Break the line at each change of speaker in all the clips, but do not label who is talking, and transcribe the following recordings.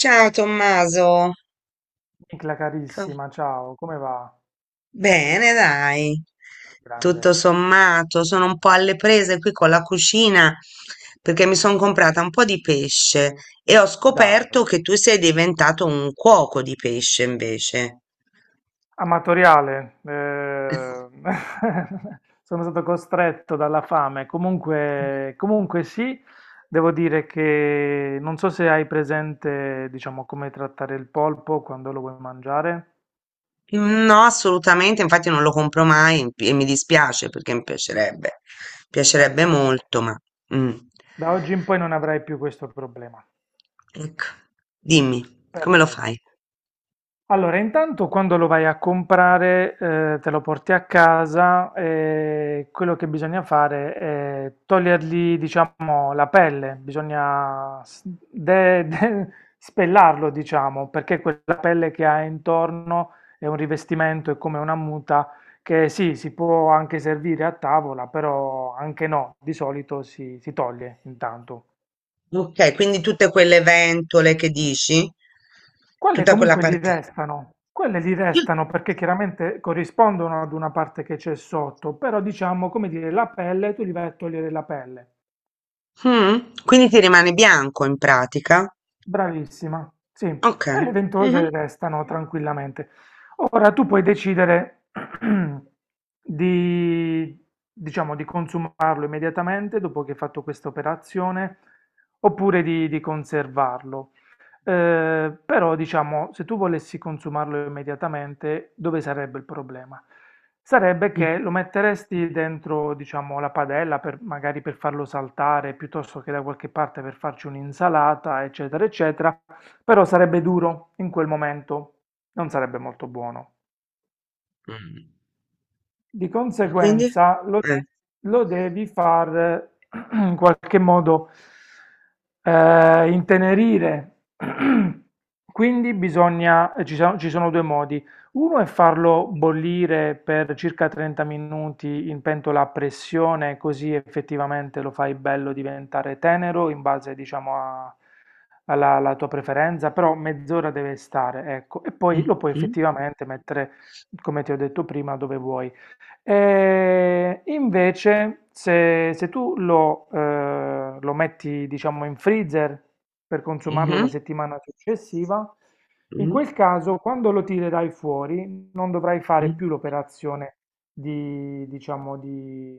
Ciao Tommaso,
Nicla
Co-
carissima, ciao, come va?
bene dai, tutto
Grande,
sommato, sono un po' alle prese qui con la cucina perché mi sono comprata un po' di pesce e ho scoperto
dai.
che tu sei diventato un cuoco di pesce invece.
Amatoriale, sono stato costretto dalla fame. Comunque, sì, devo dire che non so se hai presente, diciamo, come trattare il polpo quando lo vuoi mangiare.
No, assolutamente, infatti non lo compro mai e mi dispiace perché mi piacerebbe, piacerebbe
Ecco,
molto, ma... mm.
da oggi in poi non avrai più questo problema.
Ecco, dimmi, come lo
Perfetto.
fai?
Allora, intanto quando lo vai a comprare, te lo porti a casa e quello che bisogna fare è togliergli, diciamo, la pelle, bisogna de- de- spellarlo, diciamo, perché quella pelle che ha intorno è un rivestimento, è come una muta che sì, si può anche servire a tavola, però anche no, di solito si toglie intanto.
Ok, quindi tutte quelle ventole che dici,
Quelle
tutta quella
comunque gli
parte.
restano, quelle gli restano perché chiaramente corrispondono ad una parte che c'è sotto, però diciamo, come dire, la pelle, tu li vai a togliere la pelle.
Mm, quindi ti rimane bianco in pratica.
Bravissima, sì,
Ok.
e le
Mhm.
ventose restano tranquillamente. Ora tu puoi decidere di, diciamo, di consumarlo immediatamente dopo che hai fatto questa operazione, oppure di conservarlo. Però diciamo, se tu volessi consumarlo immediatamente, dove sarebbe il problema? Sarebbe che lo metteresti dentro, diciamo, la padella per, magari per farlo saltare, piuttosto che da qualche parte per farci un'insalata, eccetera, eccetera, però sarebbe duro in quel momento, non sarebbe molto buono.
Mm.
Di
Quindi?
conseguenza
eh,
lo devi far in qualche modo intenerire. Quindi bisogna, ci sono due modi. Uno è farlo bollire per circa 30 minuti in pentola a pressione, così effettivamente lo fai bello diventare tenero in base, diciamo, alla tua preferenza, però mezz'ora deve stare, ecco, e poi
mhm,
lo puoi effettivamente mettere, come ti ho detto prima, dove vuoi. E invece, se tu lo, lo metti, diciamo, in freezer per consumarlo la
mhm,
settimana successiva, in
mhm,
quel caso, quando lo tirerai fuori, non dovrai fare più l'operazione di, diciamo, di,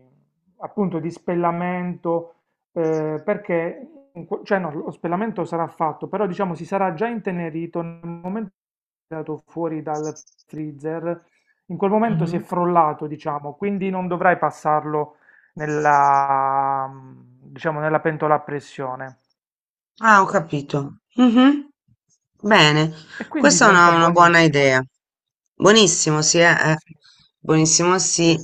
appunto, di spellamento, perché, cioè no, lo spellamento sarà fatto, però diciamo si sarà già intenerito nel momento che è andato fuori dal freezer, in quel momento si è
mhm,
frollato, diciamo, quindi non dovrai passarlo nella, diciamo, nella pentola a pressione.
Ah, ho capito. Mh-mh. Bene,
E quindi
questa è una
diventa
una buona
buonissimo.
idea. Buonissimo, sì,
Sì,
Buonissimo,
sì.
sì.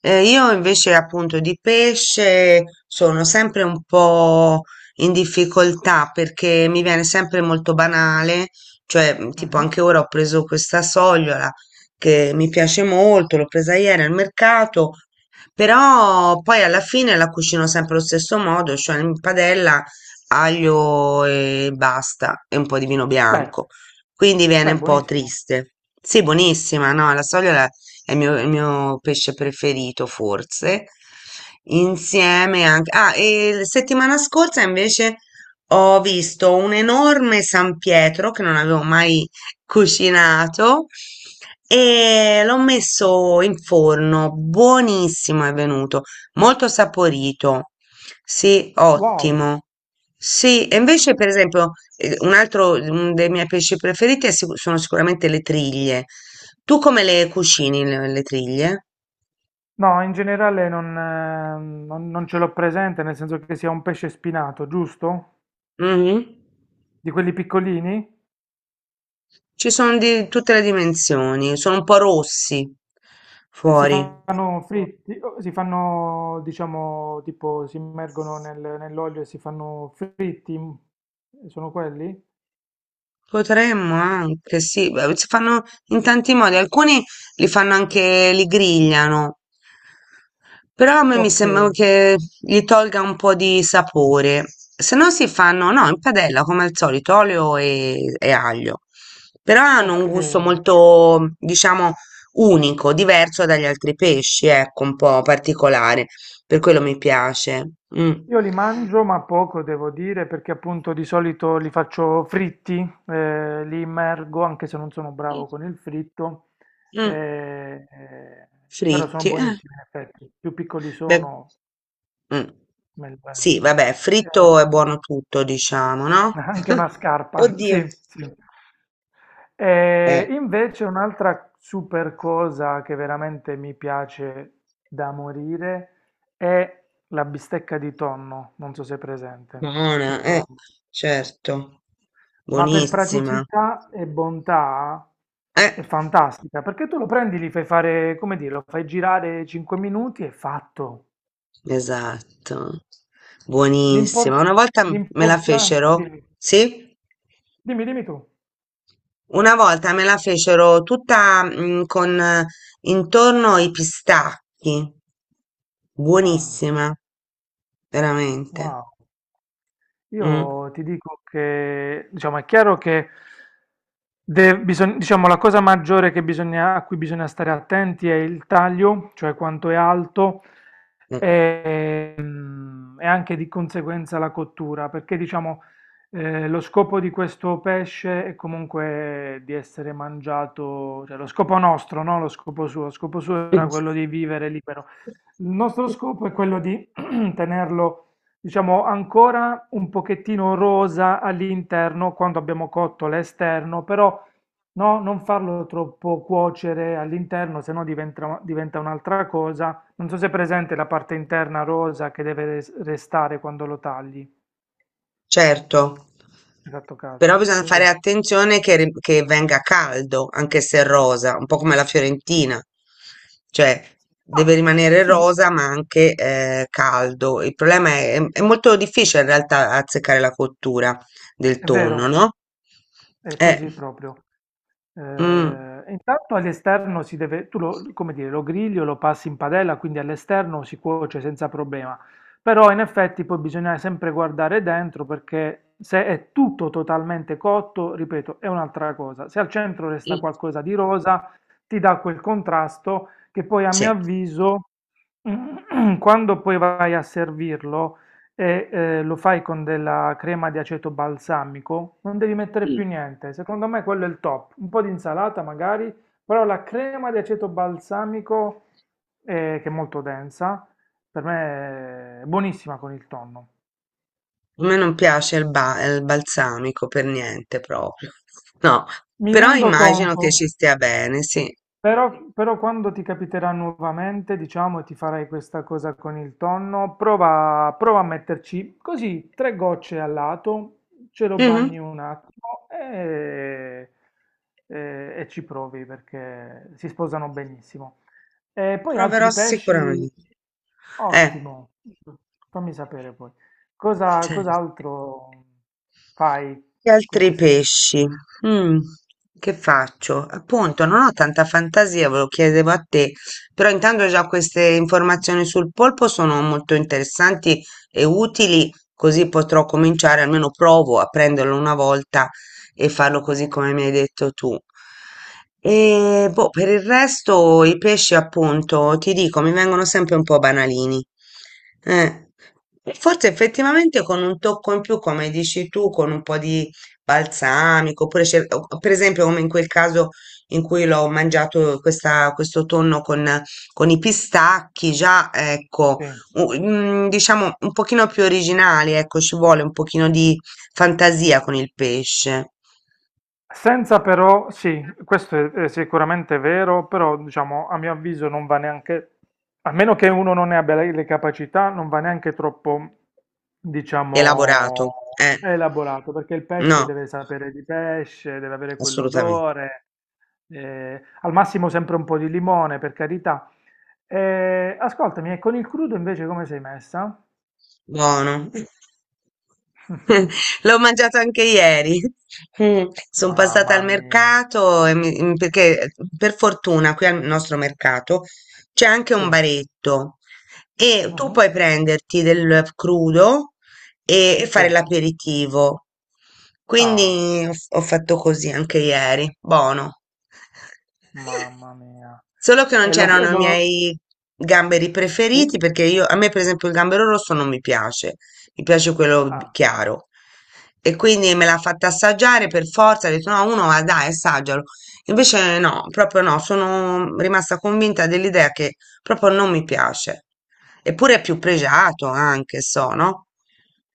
Io invece appunto di pesce sono sempre un po' in difficoltà perché mi viene sempre molto banale, cioè tipo
Mhm.
anche ora ho preso questa sogliola che mi piace molto, l'ho presa ieri al mercato, però poi alla fine la cucino sempre allo stesso modo, cioè in padella aglio e basta e un po' di vino
Beh.
bianco. Quindi viene
Beh,
un po'
buonissimo.
triste. Sì, buonissima, no, la soglia è il mio pesce preferito, forse. Insieme anche... Ah, e la settimana scorsa invece ho visto un enorme San Pietro che non avevo mai cucinato e l'ho messo in forno, buonissimo è venuto. Molto saporito. Sì,
Wow.
ottimo. Sì, e invece per esempio un altro dei miei pesci preferiti è sono sicuramente le triglie. Tu come le cucini le triglie?
No, in generale non, non ce l'ho presente, nel senso che sia un pesce spinato, giusto?
Mhm.
Di quelli piccolini?
Ci sono di tutte le dimensioni, sono un po' rossi
E si
fuori.
fanno fritti, o si fanno, diciamo, tipo, si immergono nell'olio e si fanno fritti? Sono quelli?
Potremmo anche, sì, beh, si fanno in tanti modi, alcuni li fanno anche, li grigliano, però a me mi
Ok,
sembra che gli tolga un po' di sapore, se no si fanno, no, in padella come al solito, olio e aglio, però hanno
ok.
un gusto molto, diciamo, unico, diverso dagli altri pesci, ecco, un po' particolare, per quello mi piace. Mm.
Io li mangio, ma poco devo dire, perché appunto di solito li faccio fritti, li immergo, anche se non sono bravo con il fritto,
Mm.
eh, eh, però sono
Fritti, eh.
buonissimi in effetti. Più piccoli
Beh.
sono,
Mh.
meglio è.
Sì, vabbè, fritto è
Eh,
buono tutto diciamo, no?
anche una scarpa,
Oddio.
sì, sì.
Eh,
E invece un'altra super cosa che veramente mi piace da morire è la bistecca di tonno, non so se è presente,
Buona,
il tonno.
certo.
Ma per
Buonissima.
praticità e bontà
Eh,
è fantastica, perché tu lo prendi, li fai fare, come dire, lo fai girare 5 minuti e è fatto.
esatto.
L'impor-
Buonissima. Una volta m me la
L'importante...
fecero
Dimmi,
sì?
dimmi tu.
Una volta me la fecero tutta, mhmm, con intorno i pistacchi.
Ah,
Buonissima, veramente.
wow.
Mh,
Io ti dico che, diciamo, è chiaro che diciamo, la cosa maggiore a cui bisogna stare attenti è il taglio, cioè quanto è alto,
mh.
e, e anche di conseguenza la cottura, perché diciamo, lo scopo di questo pesce è comunque di essere mangiato, cioè lo scopo nostro, no? Lo scopo suo era quello di vivere libero. Il nostro scopo è quello di tenerlo, diciamo, ancora un pochettino rosa all'interno quando abbiamo cotto l'esterno, però no, non farlo troppo cuocere all'interno, se no diventa un'altra cosa. Non so se è presente la parte interna rosa che deve restare quando lo tagli.
Certo,
Esatto
però
caso,
bisogna
sì.
fare attenzione che, che venga caldo, anche se è rosa, un po' come la Fiorentina, cioè deve
Ma
rimanere
sì,
rosa ma anche caldo. Il problema è molto difficile in realtà azzeccare la cottura del
è
tonno,
vero,
no?
è
Eh,
così proprio.
mm, mm,
Intanto all'esterno si deve, tu lo, come dire, lo grigli o lo passi in padella, quindi all'esterno si cuoce senza problema. Però in effetti poi bisogna sempre guardare dentro perché se è tutto totalmente cotto, ripeto, è un'altra cosa. Se al centro resta qualcosa di rosa, ti dà quel contrasto che poi a
sì,
mio avviso, quando poi vai a servirlo, lo fai con della crema di aceto balsamico, non devi mettere
sì.
più niente. Secondo me quello è il top. Un po' di insalata magari, però la crema di aceto balsamico, che è molto densa, per me è buonissima con il tonno.
A me non piace il balsamico per niente proprio, no,
Mi
però
rendo
immagino
conto.
che ci stia bene, sì.
Però quando ti capiterà nuovamente, diciamo, e ti farai questa cosa con il tonno, prova a metterci così tre gocce al lato, ce lo bagni un attimo e ci provi perché si sposano benissimo. E poi
Proverò
altri pesci,
sicuramente. Eh,
ottimo, fammi sapere poi.
certo.
Cos'altro fai
Che
con
altri
questi ingredienti?
pesci? Mm, che faccio? Appunto, non ho tanta fantasia, ve lo chiedevo a te, però intanto già queste informazioni sul polpo sono molto interessanti e utili, così potrò cominciare, almeno provo a prenderlo una volta e farlo così come mi hai detto tu. E boh, per il resto i pesci, appunto, ti dico, mi vengono sempre un po' banalini. Eh, forse effettivamente con un tocco in più, come dici tu, con un po' di balsamico, oppure per esempio come in quel caso in cui l'ho mangiato questo tonno con i pistacchi, già ecco,
Sì.
diciamo un pochino più originali, ecco, ci vuole un pochino di fantasia con il pesce
Senza però, sì, questo è sicuramente vero, però diciamo a mio avviso non va neanche, a meno che uno non ne abbia le capacità, non va neanche troppo,
elaborato.
diciamo,
Eh,
elaborato, perché il pesce
no,
deve sapere di pesce, deve avere
assolutamente.
quell'odore, al massimo sempre un po' di limone, per carità. Ascoltami, e con il crudo invece come sei messa?
Buono. L'ho mangiato anche ieri. Sono passata
Mamma
al
mia.
mercato e perché per fortuna qui al nostro mercato c'è anche
Sì.
un baretto e tu
Mhm.
puoi prenderti del crudo e
Sì.
fare l'aperitivo.
Ah.
Quindi ho fatto così anche ieri, buono.
Mamma mia.
Solo che non
E lo e
c'erano i
lo
miei gamberi
sì?
preferiti perché io, a me per esempio il gambero rosso non mi piace, mi piace
Ah.
chiaro. E quindi me l'ha fatta assaggiare per forza, ho detto no, uno va dai, assaggialo. Invece no, proprio no, sono rimasta convinta dell'idea che proprio non mi piace. Eppure è più pregiato anche, so, no?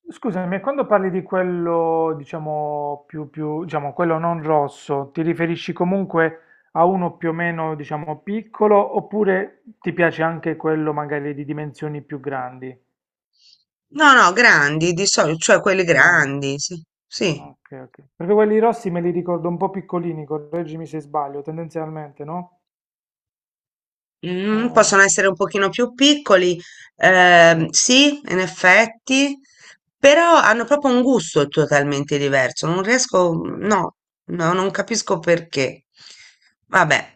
Scusami, e quando parli di quello, diciamo, più diciamo, quello non rosso, ti riferisci comunque a uno più o meno, diciamo, piccolo, oppure ti piace anche quello magari di dimensioni più grandi?
No, no, grandi di solito, cioè quelli
Grandi.
grandi, sì, sì.
Ok, ok. Perché quelli rossi me li ricordo un po' piccolini, correggimi se sbaglio, tendenzialmente, no?
Mm, possono
Oh,
essere un pochino più piccoli,
sì,
sì, in effetti, però hanno proprio un gusto totalmente diverso. Non riesco,
vero.
no, no, non capisco perché. Vabbè,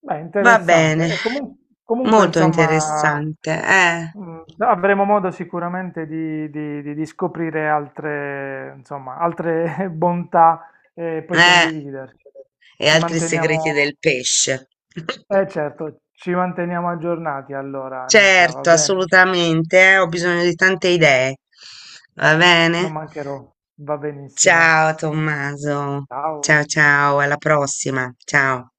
Beh,
va
interessante.
bene,
Comunque,
molto
insomma,
interessante,
avremo modo sicuramente di, di scoprire altre, insomma, altre bontà e poi
eh,
condividercele.
e
Ci
altri segreti
manteniamo,
del pesce.
eh certo, ci manteniamo aggiornati allora, Nicla, va
Certo,
bene?
assolutamente, ho bisogno di tante idee. Va
Non
bene?
mancherò, va benissimo.
Ciao Tommaso. Ciao
Ciao.
ciao, alla prossima. Ciao.